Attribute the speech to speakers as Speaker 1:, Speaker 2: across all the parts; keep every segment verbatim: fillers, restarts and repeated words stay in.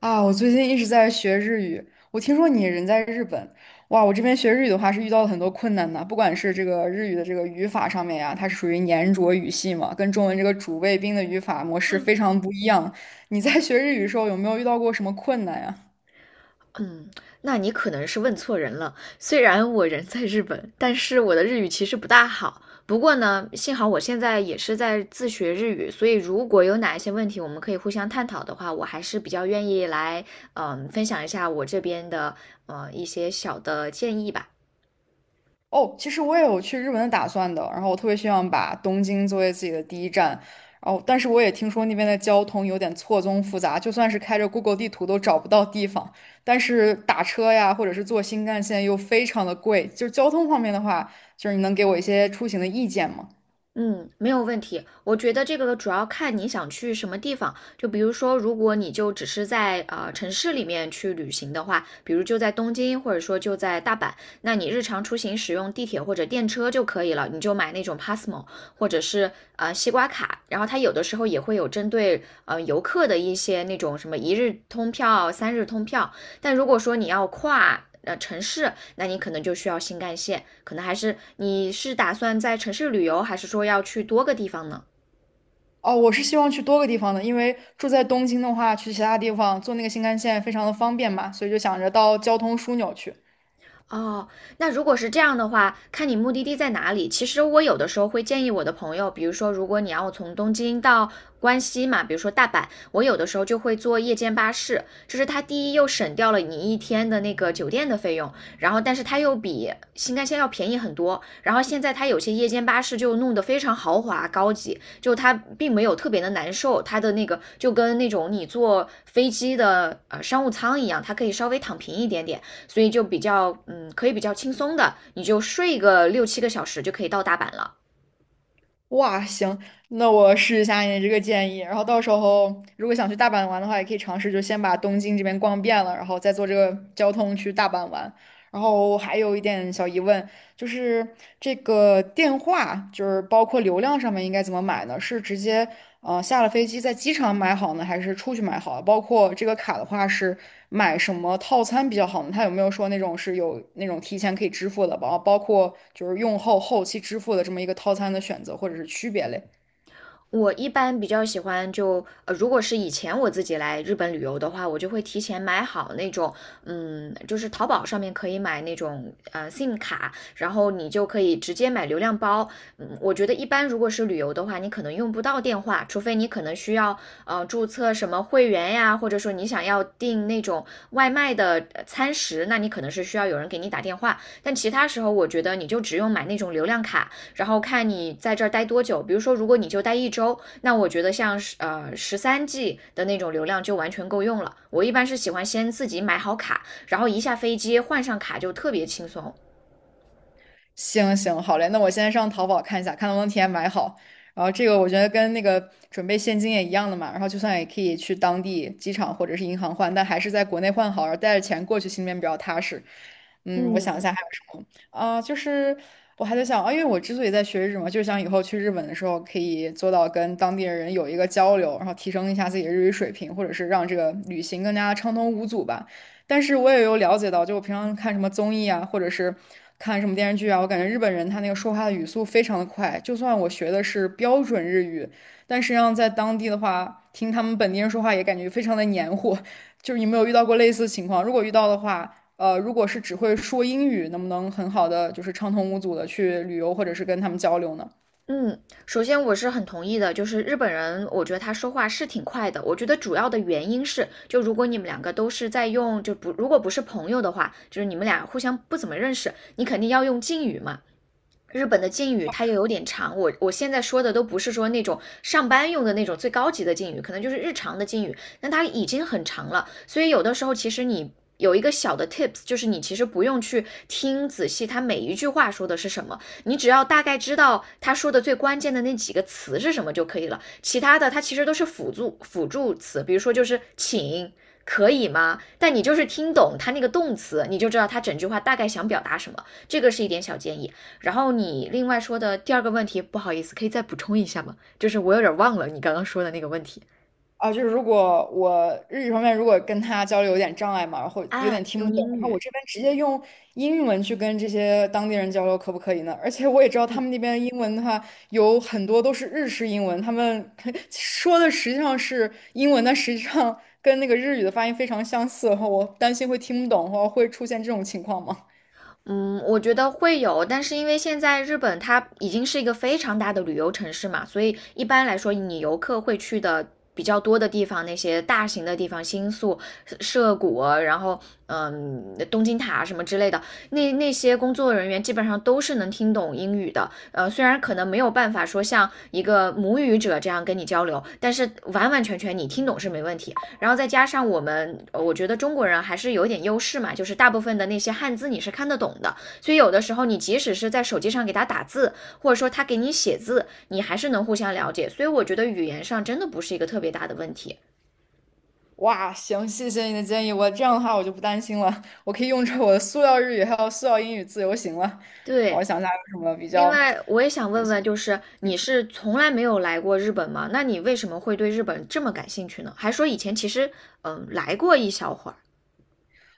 Speaker 1: 啊，我最近一直在学日语。我听说你人在日本，哇，我这边学日语的话是遇到了很多困难的，不管是这个日语的这个语法上面呀，它是属于黏着语系嘛，跟中文这个主谓宾的语法模式非常不一样。你在学日语的时候有没有遇到过什么困难呀？
Speaker 2: 嗯，那你可能是问错人了。虽然我人在日本，但是我的日语其实不大好。不过呢，幸好我现在也是在自学日语，所以如果有哪一些问题我们可以互相探讨的话，我还是比较愿意来，嗯、分享一下我这边的呃一些小的建议吧。
Speaker 1: 哦，其实我也有去日本的打算的，然后我特别希望把东京作为自己的第一站，然后但是我也听说那边的交通有点错综复杂，就算是开着 Google 地图都找不到地方，但是打车呀，或者是坐新干线又非常的贵，就是交通方面的话，就是你能给我一些出行的意见吗？
Speaker 2: 嗯，没有问题。我觉得这个主要看你想去什么地方。就比如说，如果你就只是在呃城市里面去旅行的话，比如就在东京，或者说就在大阪，那你日常出行使用地铁或者电车就可以了。你就买那种 Passmo 或者是呃西瓜卡，然后它有的时候也会有针对呃游客的一些那种什么一日通票、三日通票，但如果说你要跨呃城市，那你可能就需要新干线，可能还是你是打算在城市旅游，还是说要去多个地方呢？
Speaker 1: 哦，我是希望去多个地方的，因为住在东京的话，去其他地方坐那个新干线非常的方便嘛，所以就想着到交通枢纽去。
Speaker 2: 哦，那如果是这样的话，看你目的地在哪里。其实我有的时候会建议我的朋友，比如说，如果你要从东京到关西嘛，比如说大阪，我有的时候就会坐夜间巴士。就是它第一又省掉了你一天的那个酒店的费用，然后但是它又比新干线要便宜很多。然后现在它有些夜间巴士就弄得非常豪华高级，就它并没有特别的难受，它的那个就跟那种你坐飞机的呃商务舱一样，它可以稍微躺平一点点。所以就比较嗯，可以比较轻松的，你就睡个六七个小时就可以到大阪了。
Speaker 1: 哇，行，那我试一下你这个建议。然后到时候如果想去大阪玩的话，也可以尝试就先把东京这边逛遍了，然后再坐这个交通去大阪玩。然后还有一点小疑问，就是这个电话，就是包括流量上面应该怎么买呢？是直接呃下了飞机在机场买好呢，还是出去买好？包括这个卡的话，是买什么套餐比较好呢？它有没有说那种是有那种提前可以支付的，包包括就是用后后期支付的这么一个套餐的选择或者是区别嘞？
Speaker 2: 我一般比较喜欢就呃，如果是以前我自己来日本旅游的话，我就会提前买好那种，嗯，就是淘宝上面可以买那种呃 S I M 卡，然后你就可以直接买流量包。嗯，我觉得一般如果是旅游的话，你可能用不到电话，除非你可能需要呃注册什么会员呀，或者说你想要订那种外卖的呃餐食，那你可能是需要有人给你打电话。但其他时候，我觉得你就只用买那种流量卡，然后看你在这儿待多久。比如说，如果你就待一周，那我觉得像呃十三 G 的那种流量就完全够用了。我一般是喜欢先自己买好卡，然后一下飞机换上卡就特别轻松。
Speaker 1: 行行，好嘞，那我现在上淘宝看一下，看能不能提前买好。然后这个我觉得跟那个准备现金也一样的嘛，然后就算也可以去当地机场或者是银行换，但还是在国内换好，然后带着钱过去，心里面比较踏实。嗯，我想一
Speaker 2: 嗯
Speaker 1: 下还有什么啊、就是我还在想啊，因为我之所以在学日语嘛，就是想以后去日本的时候可以做到跟当地的人有一个交流，然后提升一下自己的日语水平，或者是让这个旅行更加畅通无阻吧。但是我也有了解到，就我平常看什么综艺啊，或者是看什么电视剧啊，我感觉日本人他那个说话的语速非常的快，就算我学的是标准日语，但实际上在当地的话，听他们本地人说话也感觉非常的黏糊。就是你没有遇到过类似情况？如果遇到的话，呃，如果是只会说英语，能不能很好的就是畅通无阻的去旅游或者是跟他们交流呢？
Speaker 2: 嗯，首先我是很同意的，就是日本人，我觉得他说话是挺快的。我觉得主要的原因是，就如果你们两个都是在用，就不如果不是朋友的话，就是你们俩互相不怎么认识，你肯定要用敬语嘛。日本的敬语它又有点长，我我现在说的都不是说那种上班用的那种最高级的敬语，可能就是日常的敬语，那它已经很长了，所以有的时候其实你有一个小的 tips，就是你其实不用去听仔细他每一句话说的是什么，你只要大概知道他说的最关键的那几个词是什么就可以了，其他的它其实都是辅助辅助词，比如说就是请。可以吗？但你就是听懂它那个动词，你就知道它整句话大概想表达什么。这个是一点小建议。然后你另外说的第二个问题，不好意思，可以再补充一下吗？就是我有点忘了你刚刚说的那个问题
Speaker 1: 啊，就是如果我日语方面如果跟他交流有点障碍嘛，然后有点
Speaker 2: 啊，
Speaker 1: 听
Speaker 2: 用
Speaker 1: 不懂，
Speaker 2: 英
Speaker 1: 然
Speaker 2: 语。
Speaker 1: 后我
Speaker 2: 嗯
Speaker 1: 这边直接用英文去跟这些当地人交流，可不可以呢？而且我也知道他们那边英文的话，有很多都是日式英文，他们 说的实际上是英文，但实际上跟那个日语的发音非常相似，然后我担心会听不懂，或会出现这种情况吗？
Speaker 2: 嗯，我觉得会有，但是因为现在日本它已经是一个非常大的旅游城市嘛，所以一般来说，你游客会去的比较多的地方，那些大型的地方，新宿、涩谷啊，然后嗯，东京塔啊什么之类的，那那些工作人员基本上都是能听懂英语的。呃，虽然可能没有办法说像一个母语者这样跟你交流，但是完完全全你听懂是没问题。然后再加上我们，呃我觉得中国人还是有点优势嘛，就是大部分的那些汉字你是看得懂的，所以有的时候你即使是在手机上给他打字，或者说他给你写字，你还是能互相了解。所以我觉得语言上真的不是一个特别大的问题。
Speaker 1: 哇，行，谢谢你的建议，我这样的话我就不担心了，我可以用着我的塑料日语还有塑料英语自由行了。然后
Speaker 2: 对，
Speaker 1: 我想一下有什么比
Speaker 2: 另
Speaker 1: 较。
Speaker 2: 外我也想问问，就是你是从来没有来过日本吗？那你为什么会对日本这么感兴趣呢？还说以前其实嗯来过一小会儿。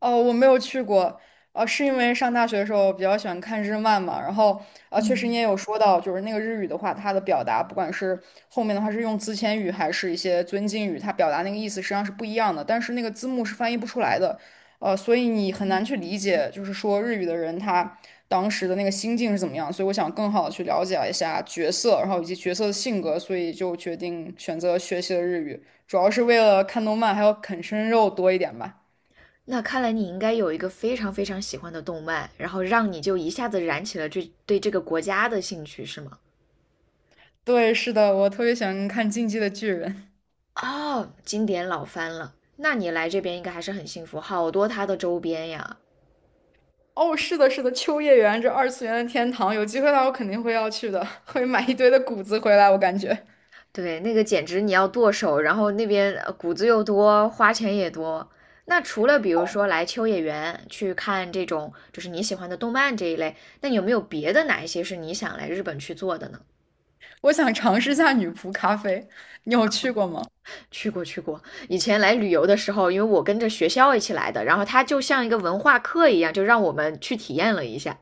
Speaker 1: 哦，我没有去过，呃，是因为上大学的时候比较喜欢看日漫嘛，然后呃，确实你也有说到，就是那个日语的话，它的表达，不管是后面的话是用自谦语还是一些尊敬语，它表达那个意思实际上是不一样的，但是那个字幕是翻译不出来的，呃，所以你很难去理解，就是说日语的人他当时的那个心境是怎么样，所以我想更好的去了解一下角色，然后以及角色的性格，所以就决定选择学习了日语，主要是为了看动漫，还有啃生肉多一点吧。
Speaker 2: 那看来你应该有一个非常非常喜欢的动漫，然后让你就一下子燃起了这对这个国家的兴趣，是吗？
Speaker 1: 对，是的，我特别喜欢看《进击的巨人》。
Speaker 2: 哦，经典老番了。那你来这边应该还是很幸福，好多它的周边呀。
Speaker 1: 哦，是的，是的，秋叶原这二次元的天堂，有机会的话我肯定会要去的，会买一堆的谷子回来。我感觉，
Speaker 2: 对，那个简直你要剁手，然后那边呃谷子又多，花钱也多。那除了比如说来秋叶原去看这种就是你喜欢的动漫这一类，那你有没有别的哪一些是你想来日本去做的呢？
Speaker 1: 我想尝试一下女仆咖啡，你有去过吗？
Speaker 2: 去过去过，以前来旅游的时候，因为我跟着学校一起来的，然后它就像一个文化课一样，就让我们去体验了一下。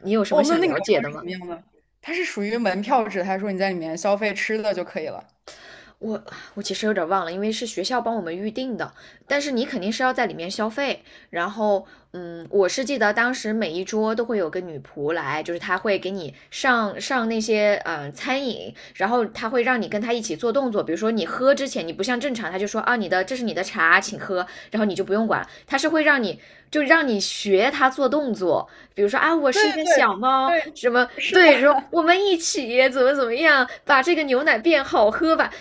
Speaker 2: 你有什么
Speaker 1: 哦，那
Speaker 2: 想
Speaker 1: 那个
Speaker 2: 了
Speaker 1: 地
Speaker 2: 解
Speaker 1: 方
Speaker 2: 的
Speaker 1: 是怎
Speaker 2: 吗？
Speaker 1: 么样的？它是属于门票制，还是说你在里面消费吃的就可以了？
Speaker 2: 我我其实有点忘了，因为是学校帮我们预定的，但是你肯定是要在里面消费。然后，嗯，我是记得当时每一桌都会有个女仆来，就是她会给你上上那些嗯餐饮，然后她会让你跟她一起做动作，比如说你喝之前，你不像正常，她就说啊你的这是你的茶，请喝，然后你就不用管，她是会让你就让你学她做动作，比如说啊我
Speaker 1: 对
Speaker 2: 是一
Speaker 1: 对
Speaker 2: 个
Speaker 1: 对，
Speaker 2: 小猫，
Speaker 1: 对，
Speaker 2: 什么
Speaker 1: 是的，
Speaker 2: 对，说我们一起怎么怎么样，把这个牛奶变好喝吧。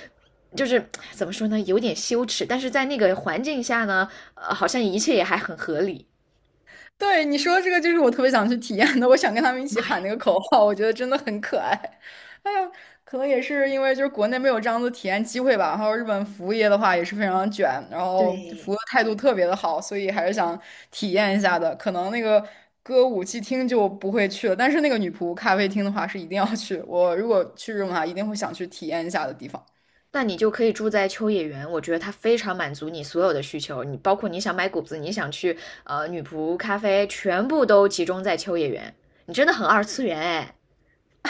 Speaker 2: 就是怎么说呢，有点羞耻，但是在那个环境下呢，呃，好像一切也还很合理。
Speaker 1: 对，你说这个就是我特别想去体验的，我想跟他们一起
Speaker 2: 妈呀，
Speaker 1: 喊那个口号，我觉得真的很可爱。哎呀，可能也是因为就是国内没有这样的体验机会吧，然后日本服务业的话也是非常卷，然后
Speaker 2: 对，
Speaker 1: 服务态度特别的好，所以还是想体验一下的。可能那个歌舞伎厅就不会去了，但是那个女仆咖啡厅的话是一定要去，我如果去日本的话，一定会想去体验一下的地方。
Speaker 2: 那你就可以住在秋叶原，我觉得它非常满足你所有的需求，你包括你想买谷子，你想去呃女仆咖啡，全部都集中在秋叶原，你真的很二次元哎。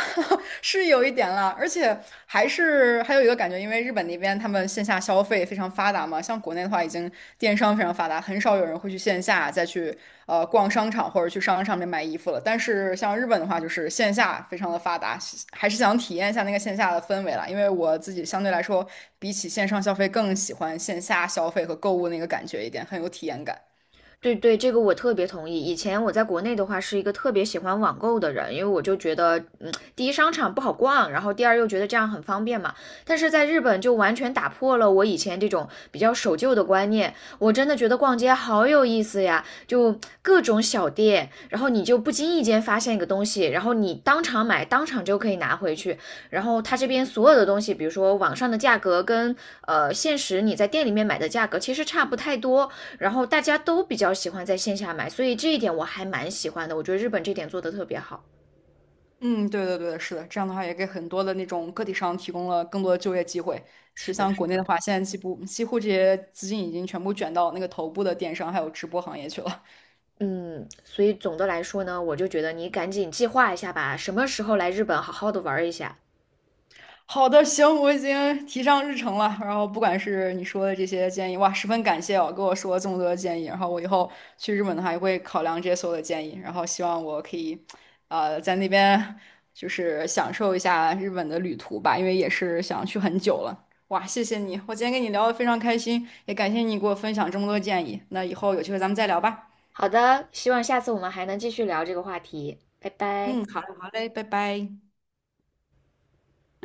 Speaker 1: 是有一点了，而且还是还有一个感觉，因为日本那边他们线下消费非常发达嘛，像国内的话已经电商非常发达，很少有人会去线下再去呃逛商场或者去商场里面买衣服了。但是像日本的话，就是线下非常的发达，还是想体验一下那个线下的氛围啦。因为我自己相对来说，比起线上消费更喜欢线下消费和购物那个感觉一点，很有体验感。
Speaker 2: 对对，这个我特别同意。以前我在国内的话，是一个特别喜欢网购的人，因为我就觉得，嗯，第一商场不好逛，然后第二又觉得这样很方便嘛。但是在日本就完全打破了我以前这种比较守旧的观念，我真的觉得逛街好有意思呀，就各种小店，然后你就不经意间发现一个东西，然后你当场买，当场就可以拿回去。然后它这边所有的东西，比如说网上的价格跟呃现实你在店里面买的价格其实差不太多，然后大家都比较喜欢在线下买，所以这一点我还蛮喜欢的。我觉得日本这点做得特别好。
Speaker 1: 嗯，对对对，是的，这样的话也给很多的那种个体商提供了更多的就业机会。其
Speaker 2: 是
Speaker 1: 实
Speaker 2: 的，
Speaker 1: 像
Speaker 2: 是
Speaker 1: 国内的
Speaker 2: 的。
Speaker 1: 话，现在几乎几乎这些资金已经全部卷到那个头部的电商还有直播行业去了。
Speaker 2: 嗯，所以总的来说呢，我就觉得你赶紧计划一下吧，什么时候来日本好好的玩一下。
Speaker 1: 好的，行，我已经提上日程了。然后不管是你说的这些建议，哇，十分感谢哦，跟我说了这么多的建议。然后我以后去日本的话，也会考量这些所有的建议。然后希望我可以，呃，在那边就是享受一下日本的旅途吧，因为也是想去很久了。哇，谢谢你，我今天跟你聊的非常开心，也感谢你给我分享这么多建议。那以后有机会咱们再聊吧。
Speaker 2: 好的，希望下次我们还能继续聊这个话题。拜拜。
Speaker 1: 嗯，好嘞，好嘞，拜拜。